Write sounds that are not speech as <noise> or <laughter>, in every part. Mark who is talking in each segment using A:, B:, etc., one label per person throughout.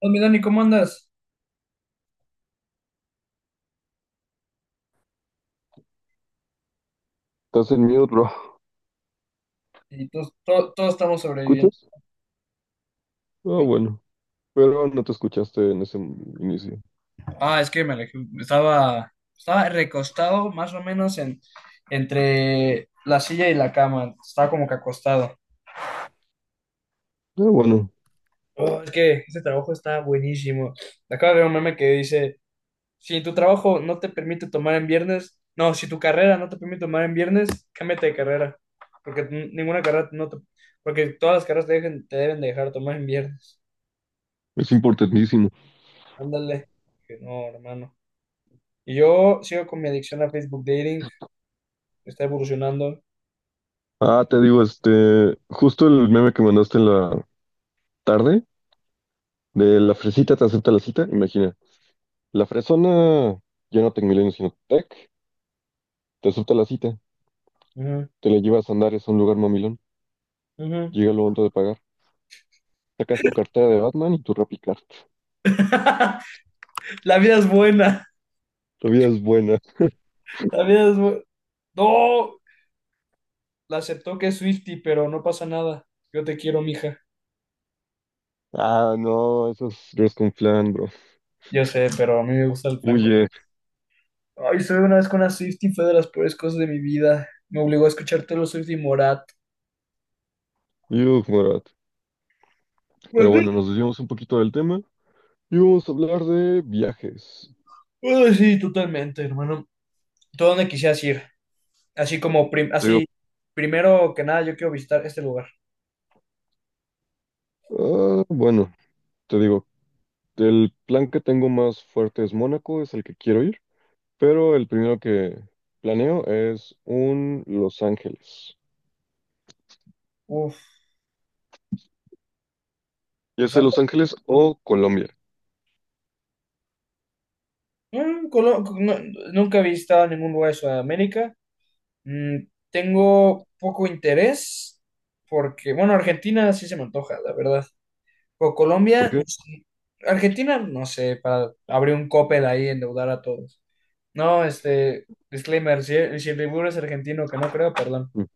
A: Hola, mi Dani, ¿cómo andas?
B: Estás en mute, bro.
A: Y todos, todos estamos sobreviviendo.
B: ¿Escuchas? Ah,
A: Uy.
B: bueno. Pero no te escuchaste en ese inicio.
A: Ah, es que me alejé. Estaba recostado más o menos en, entre la silla y la cama. Estaba como que acostado.
B: Ah, bueno.
A: Oh, es que este trabajo está buenísimo. Acabo de ver un meme que dice, si tu trabajo no te permite tomar en viernes, no, si tu carrera no te permite tomar en viernes, cámbiate de carrera. Porque ninguna carrera no te, porque todas las carreras te, te deben dejar tomar en viernes.
B: Es importantísimo.
A: Ándale. Que no, hermano. Y yo sigo con mi adicción a Facebook Dating, está evolucionando.
B: Ah, te digo, justo el meme que mandaste en la tarde, de la fresita te acepta la cita, imagina. La fresona, ya no Tecmilenio, sino Tec, te acepta la cita,
A: Ujú,
B: te la llevas a Andares a un lugar mamilón,
A: ujú.
B: llega lo momento de pagar, sacas tu cartera de Batman y tu RappiCard.
A: <laughs> La vida es buena,
B: La vida es buena.
A: la vida es buena. No, la aceptó que es Swiftie, pero no pasa nada. Yo te quiero, mija.
B: Ah, no, eso es Dress con Flan, bro.
A: Yo sé, pero a mí me gusta el blanco.
B: Huye.
A: Ay, estuve una vez con una Swiftie, fue de las peores cosas de mi vida. Me obligó a escuchar Taylor Swift y Morat.
B: Yuh, Morat. Pero
A: ¿Morat?
B: bueno, nos desviamos un poquito del tema. Y vamos a hablar de viajes.
A: Ay, sí, totalmente, hermano. ¿Tú a dónde quisieras ir? Así como,
B: Te digo,
A: primero que nada, yo quiero visitar este lugar.
B: ah, bueno, te digo, el plan que tengo más fuerte es Mónaco, es el que quiero ir, pero el primero que planeo es un Los Ángeles.
A: Uf,
B: Ya
A: Los
B: sea Los Ángeles o Colombia.
A: Mm, Colo- no- nunca he visitado ningún lugar de Sudamérica. Mm, tengo poco interés porque, bueno, Argentina sí se me antoja, la verdad. Pero
B: ¿Por
A: Colombia, no
B: qué?
A: sé. Argentina, no sé, para abrir un copel ahí, endeudar a todos. No, este, disclaimer, si el Dibu es argentino, que no creo, perdón.
B: Mm.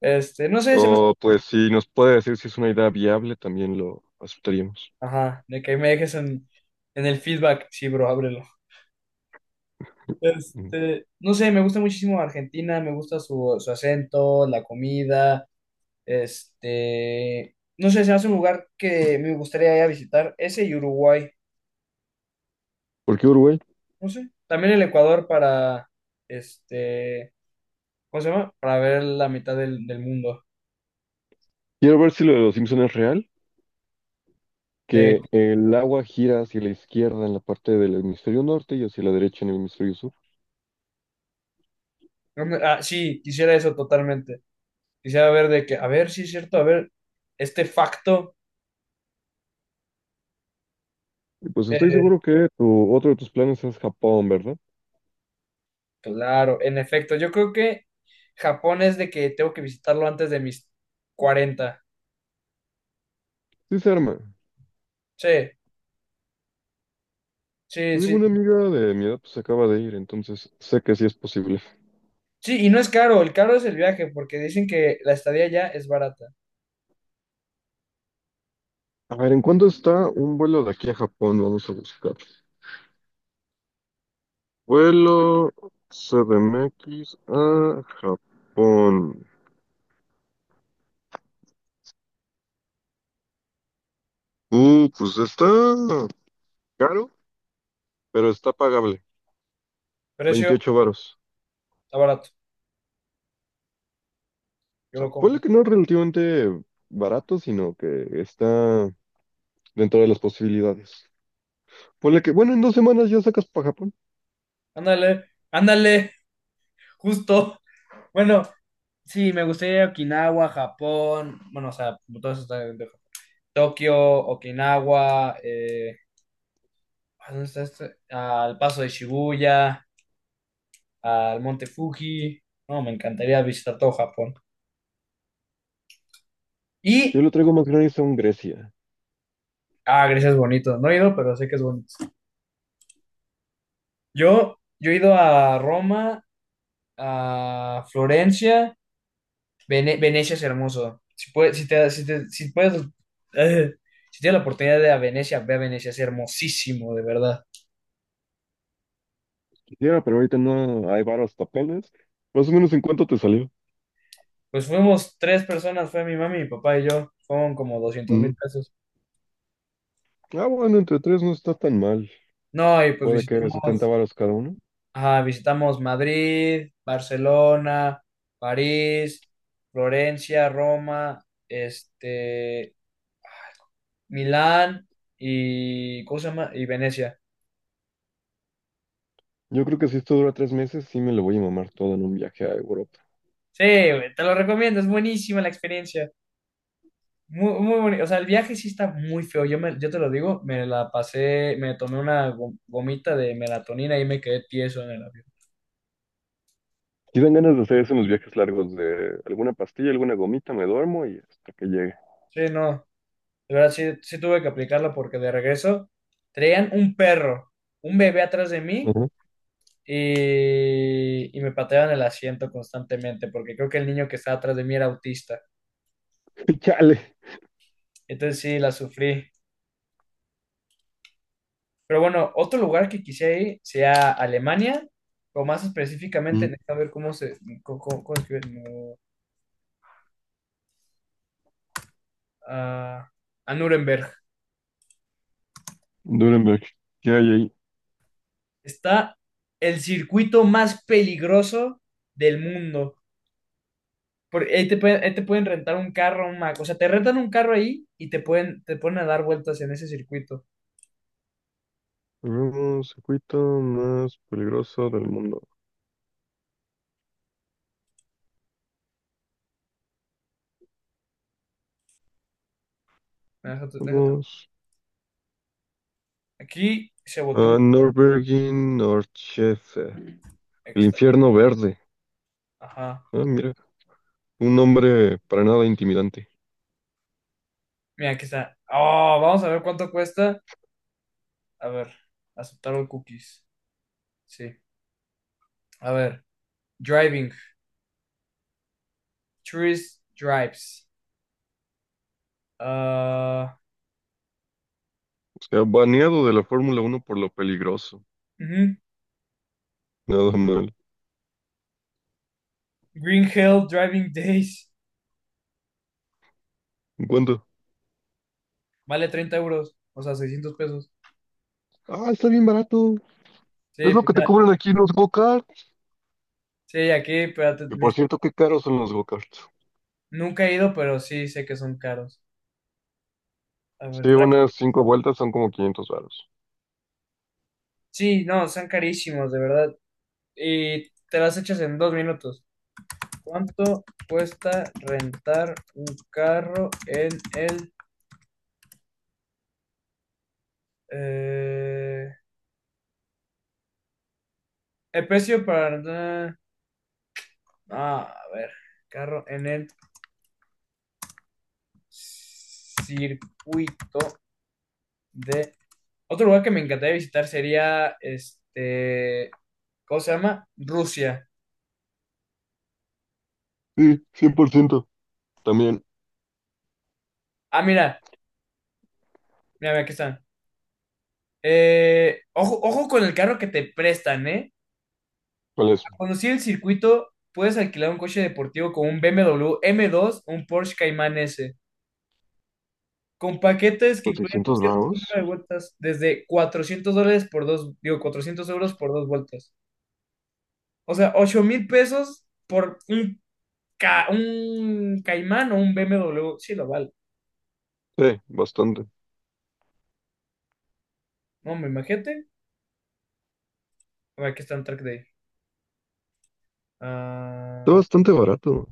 A: Este, no sé, se me...
B: O pues si nos puede decir si es una idea viable, también lo aceptaríamos.
A: Ajá, de que me dejes en, el feedback. Sí, bro, ábrelo.
B: Mm.
A: Este, no sé, me gusta muchísimo Argentina, me gusta su acento, la comida. Este, no sé, se hace un lugar que me gustaría ir a visitar, ese y Uruguay,
B: ¿Por qué Uruguay?
A: no sé, también el Ecuador para, este, ¿cómo se llama? Para ver la mitad del mundo.
B: Quiero ver si lo de los Simpson es real,
A: De,
B: que el agua gira hacia la izquierda en la parte del hemisferio norte y hacia la derecha en el hemisferio sur.
A: sí, quisiera eso totalmente. Quisiera ver de que, a ver, sí es cierto, a ver, este facto,
B: Y pues estoy
A: eh,
B: seguro que tu, otro de tus planes es Japón, ¿verdad?
A: claro, en efecto, yo creo que Japón es de que tengo que visitarlo antes de mis 40.
B: Sí se arma.
A: Sí,
B: Te
A: sí,
B: digo,
A: sí.
B: una amiga de mi edad pues acaba de ir, entonces sé que sí es posible.
A: Sí, y no es caro, el caro es el viaje, porque dicen que la estadía ya es barata.
B: A ver, ¿en cuánto está un vuelo de aquí a Japón? Vamos a buscar. Vuelo CDMX a Japón. Pues está caro, pero está pagable.
A: Precio,
B: 28 varos.
A: está barato.
B: O
A: Yo
B: sea,
A: lo
B: puede
A: compro.
B: que no es relativamente barato, sino que está dentro de las posibilidades. Ponle que, bueno, en dos semanas ya sacas para Japón.
A: Ándale, ándale, justo. Bueno, sí, me gustaría Okinawa, Japón. Bueno, o sea, todo eso está dentro de Japón. Tokio, Okinawa, ¿a ¿dónde está este? Al Paso de Shibuya, al Monte Fuji. No, me encantaría visitar todo Japón.
B: Yo
A: Y,
B: lo traigo más gratis a un Grecia.
A: Grecia es bonito. No he ido, pero sé que es bonito. Yo he ido a Roma, a Florencia. Venecia es hermoso. Si puedes, si te, si te- si puedes, eh, si tienes la oportunidad de ir a Venecia, ve a Venecia, es hermosísimo, de verdad.
B: Quisiera, pero ahorita no hay varios papeles. Más o menos, ¿en cuánto te salió?
A: Pues fuimos tres personas, fue mi mami, mi papá y yo, fueron como doscientos mil
B: Mm.
A: pesos.
B: Ah, bueno, entre tres no está tan mal.
A: No, y pues
B: Puede que 70
A: visitamos,
B: varos cada uno.
A: ajá, visitamos Madrid, Barcelona, París, Florencia, Roma, este, Milán y, ¿cómo se llama? Y Venecia.
B: Yo creo que si esto dura tres meses, sí me lo voy a mamar todo en un viaje a Europa.
A: Sí, güey, te lo recomiendo, es buenísima la experiencia. Muy, muy bonito. O sea, el viaje sí está muy feo. Yo te lo digo, me la pasé, me tomé una gomita de melatonina y me quedé tieso en el avión.
B: Sí dan ganas de hacer eso en los viajes largos de alguna pastilla, alguna gomita, me duermo y hasta que llegue.
A: Sí, no. De verdad, sí tuve que aplicarla porque de regreso traían un perro, un bebé atrás de mí
B: Ajá.
A: y me pateaban el asiento constantemente porque creo que el niño que estaba atrás de mí era autista.
B: <laughs> Chale.
A: Entonces sí, la sufrí. Pero bueno, otro lugar que quisiera ir sea Alemania, o más específicamente,
B: Mm.
A: necesito ver. Cómo se... cómo- cómo- cómo escribe- no. a, a Nuremberg.
B: Nuremberg, ¿qué hay ahí?
A: Está el circuito más peligroso del mundo. Ahí te pueden rentar un carro, un Mac. O sea, te rentan un carro ahí y te ponen a dar vueltas en ese circuito.
B: Un circuito más peligroso del mundo.
A: Déjate.
B: Vamos
A: Aquí se volteó un.
B: a Norbergin Norchese,
A: Aquí
B: el
A: está.
B: infierno verde.
A: Ajá.
B: Ah, mira, un nombre para nada intimidante.
A: Mira, aquí está. Oh, vamos a ver cuánto cuesta. A ver. Aceptar los cookies. Sí. A ver. Driving. Tourist drives. Ah,
B: O sea, baneado de la Fórmula Uno por lo peligroso.
A: ujú.
B: Nada mal.
A: Green Hill Driving Days.
B: ¿En cuánto?
A: Vale 30 euros, o sea, 600 pesos.
B: Ah, está bien barato. Es
A: Sí,
B: lo
A: pues
B: que te
A: ya.
B: cobran aquí en los go-kart.
A: Sí, aquí, espérate,
B: Que
A: ni-
B: por cierto, qué caros son los go-karts.
A: nunca he ido, pero sí sé que son caros. A ver,
B: Sí,
A: traje.
B: unas cinco vueltas son como 500 varos.
A: Sí, no, son carísimos, de verdad. Y te las echas en 2 minutos. ¿Cuánto cuesta rentar un carro en el... eh, el precio para... Ah, a ver, carro en el circuito de. Otro lugar que me encantaría visitar sería, este, ¿cómo se llama? Rusia.
B: Sí, 100%. También,
A: Ah, mira, mira, mira, aquí están. Ojo, ojo con el carro que te prestan, ¿eh?
B: ¿cuál es?
A: Para conocer el circuito, puedes alquilar un coche deportivo como un BMW m W M dos, o un Porsche Cayman S, con paquetes que
B: ¿Por
A: incluyen un
B: 600
A: cierto
B: varos?
A: número de vueltas, desde $400 por dos, digo, 400 euros por 2 vueltas. O sea, 8,000 pesos por un Cayman o un BMW. Sí, lo vale.
B: Sí, bastante.
A: No, me imagínate. O aquí está un track day.
B: Está
A: Ah,
B: bastante barato.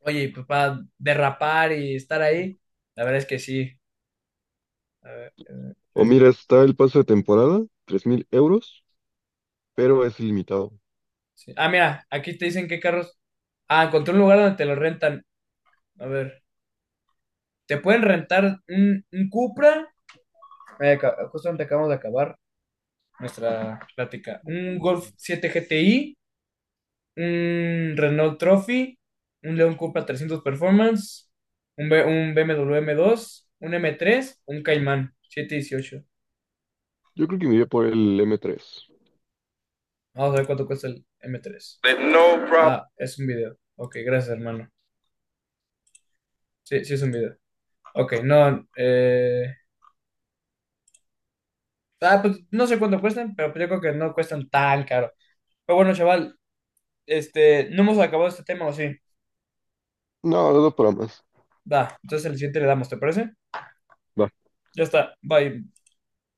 A: oye, y pues para derrapar y estar ahí, la verdad es que sí. A ver,
B: O
A: ok,
B: mira, está el paso de temporada, 3000 euros, pero es ilimitado.
A: sí. Ah, mira, aquí te dicen qué carros. Ah, encontré un lugar donde te lo rentan. A ver, te pueden rentar un Cupra. Justamente acabamos de acabar nuestra plática. Un Golf 7 GTI, un Renault Trophy, un León Cupra 300 Performance, un BMW m W M dos un M3 un Caimán 718.
B: Yo creo que me iría por el M3.
A: Vamos a ver cuánto cuesta el M3. No problem. Ah, es un video. Ok, gracias, hermano. Sí, sí es un video. Ok, no. Ah, pues no sé cuánto cuestan, pero pues yo creo que no cuestan tan caro. Pero bueno, chaval, este, no hemos acabado este tema, ¿o sí?
B: No, no, no para más.
A: Va, entonces el siguiente le damos, ¿te parece? Ya está, bye.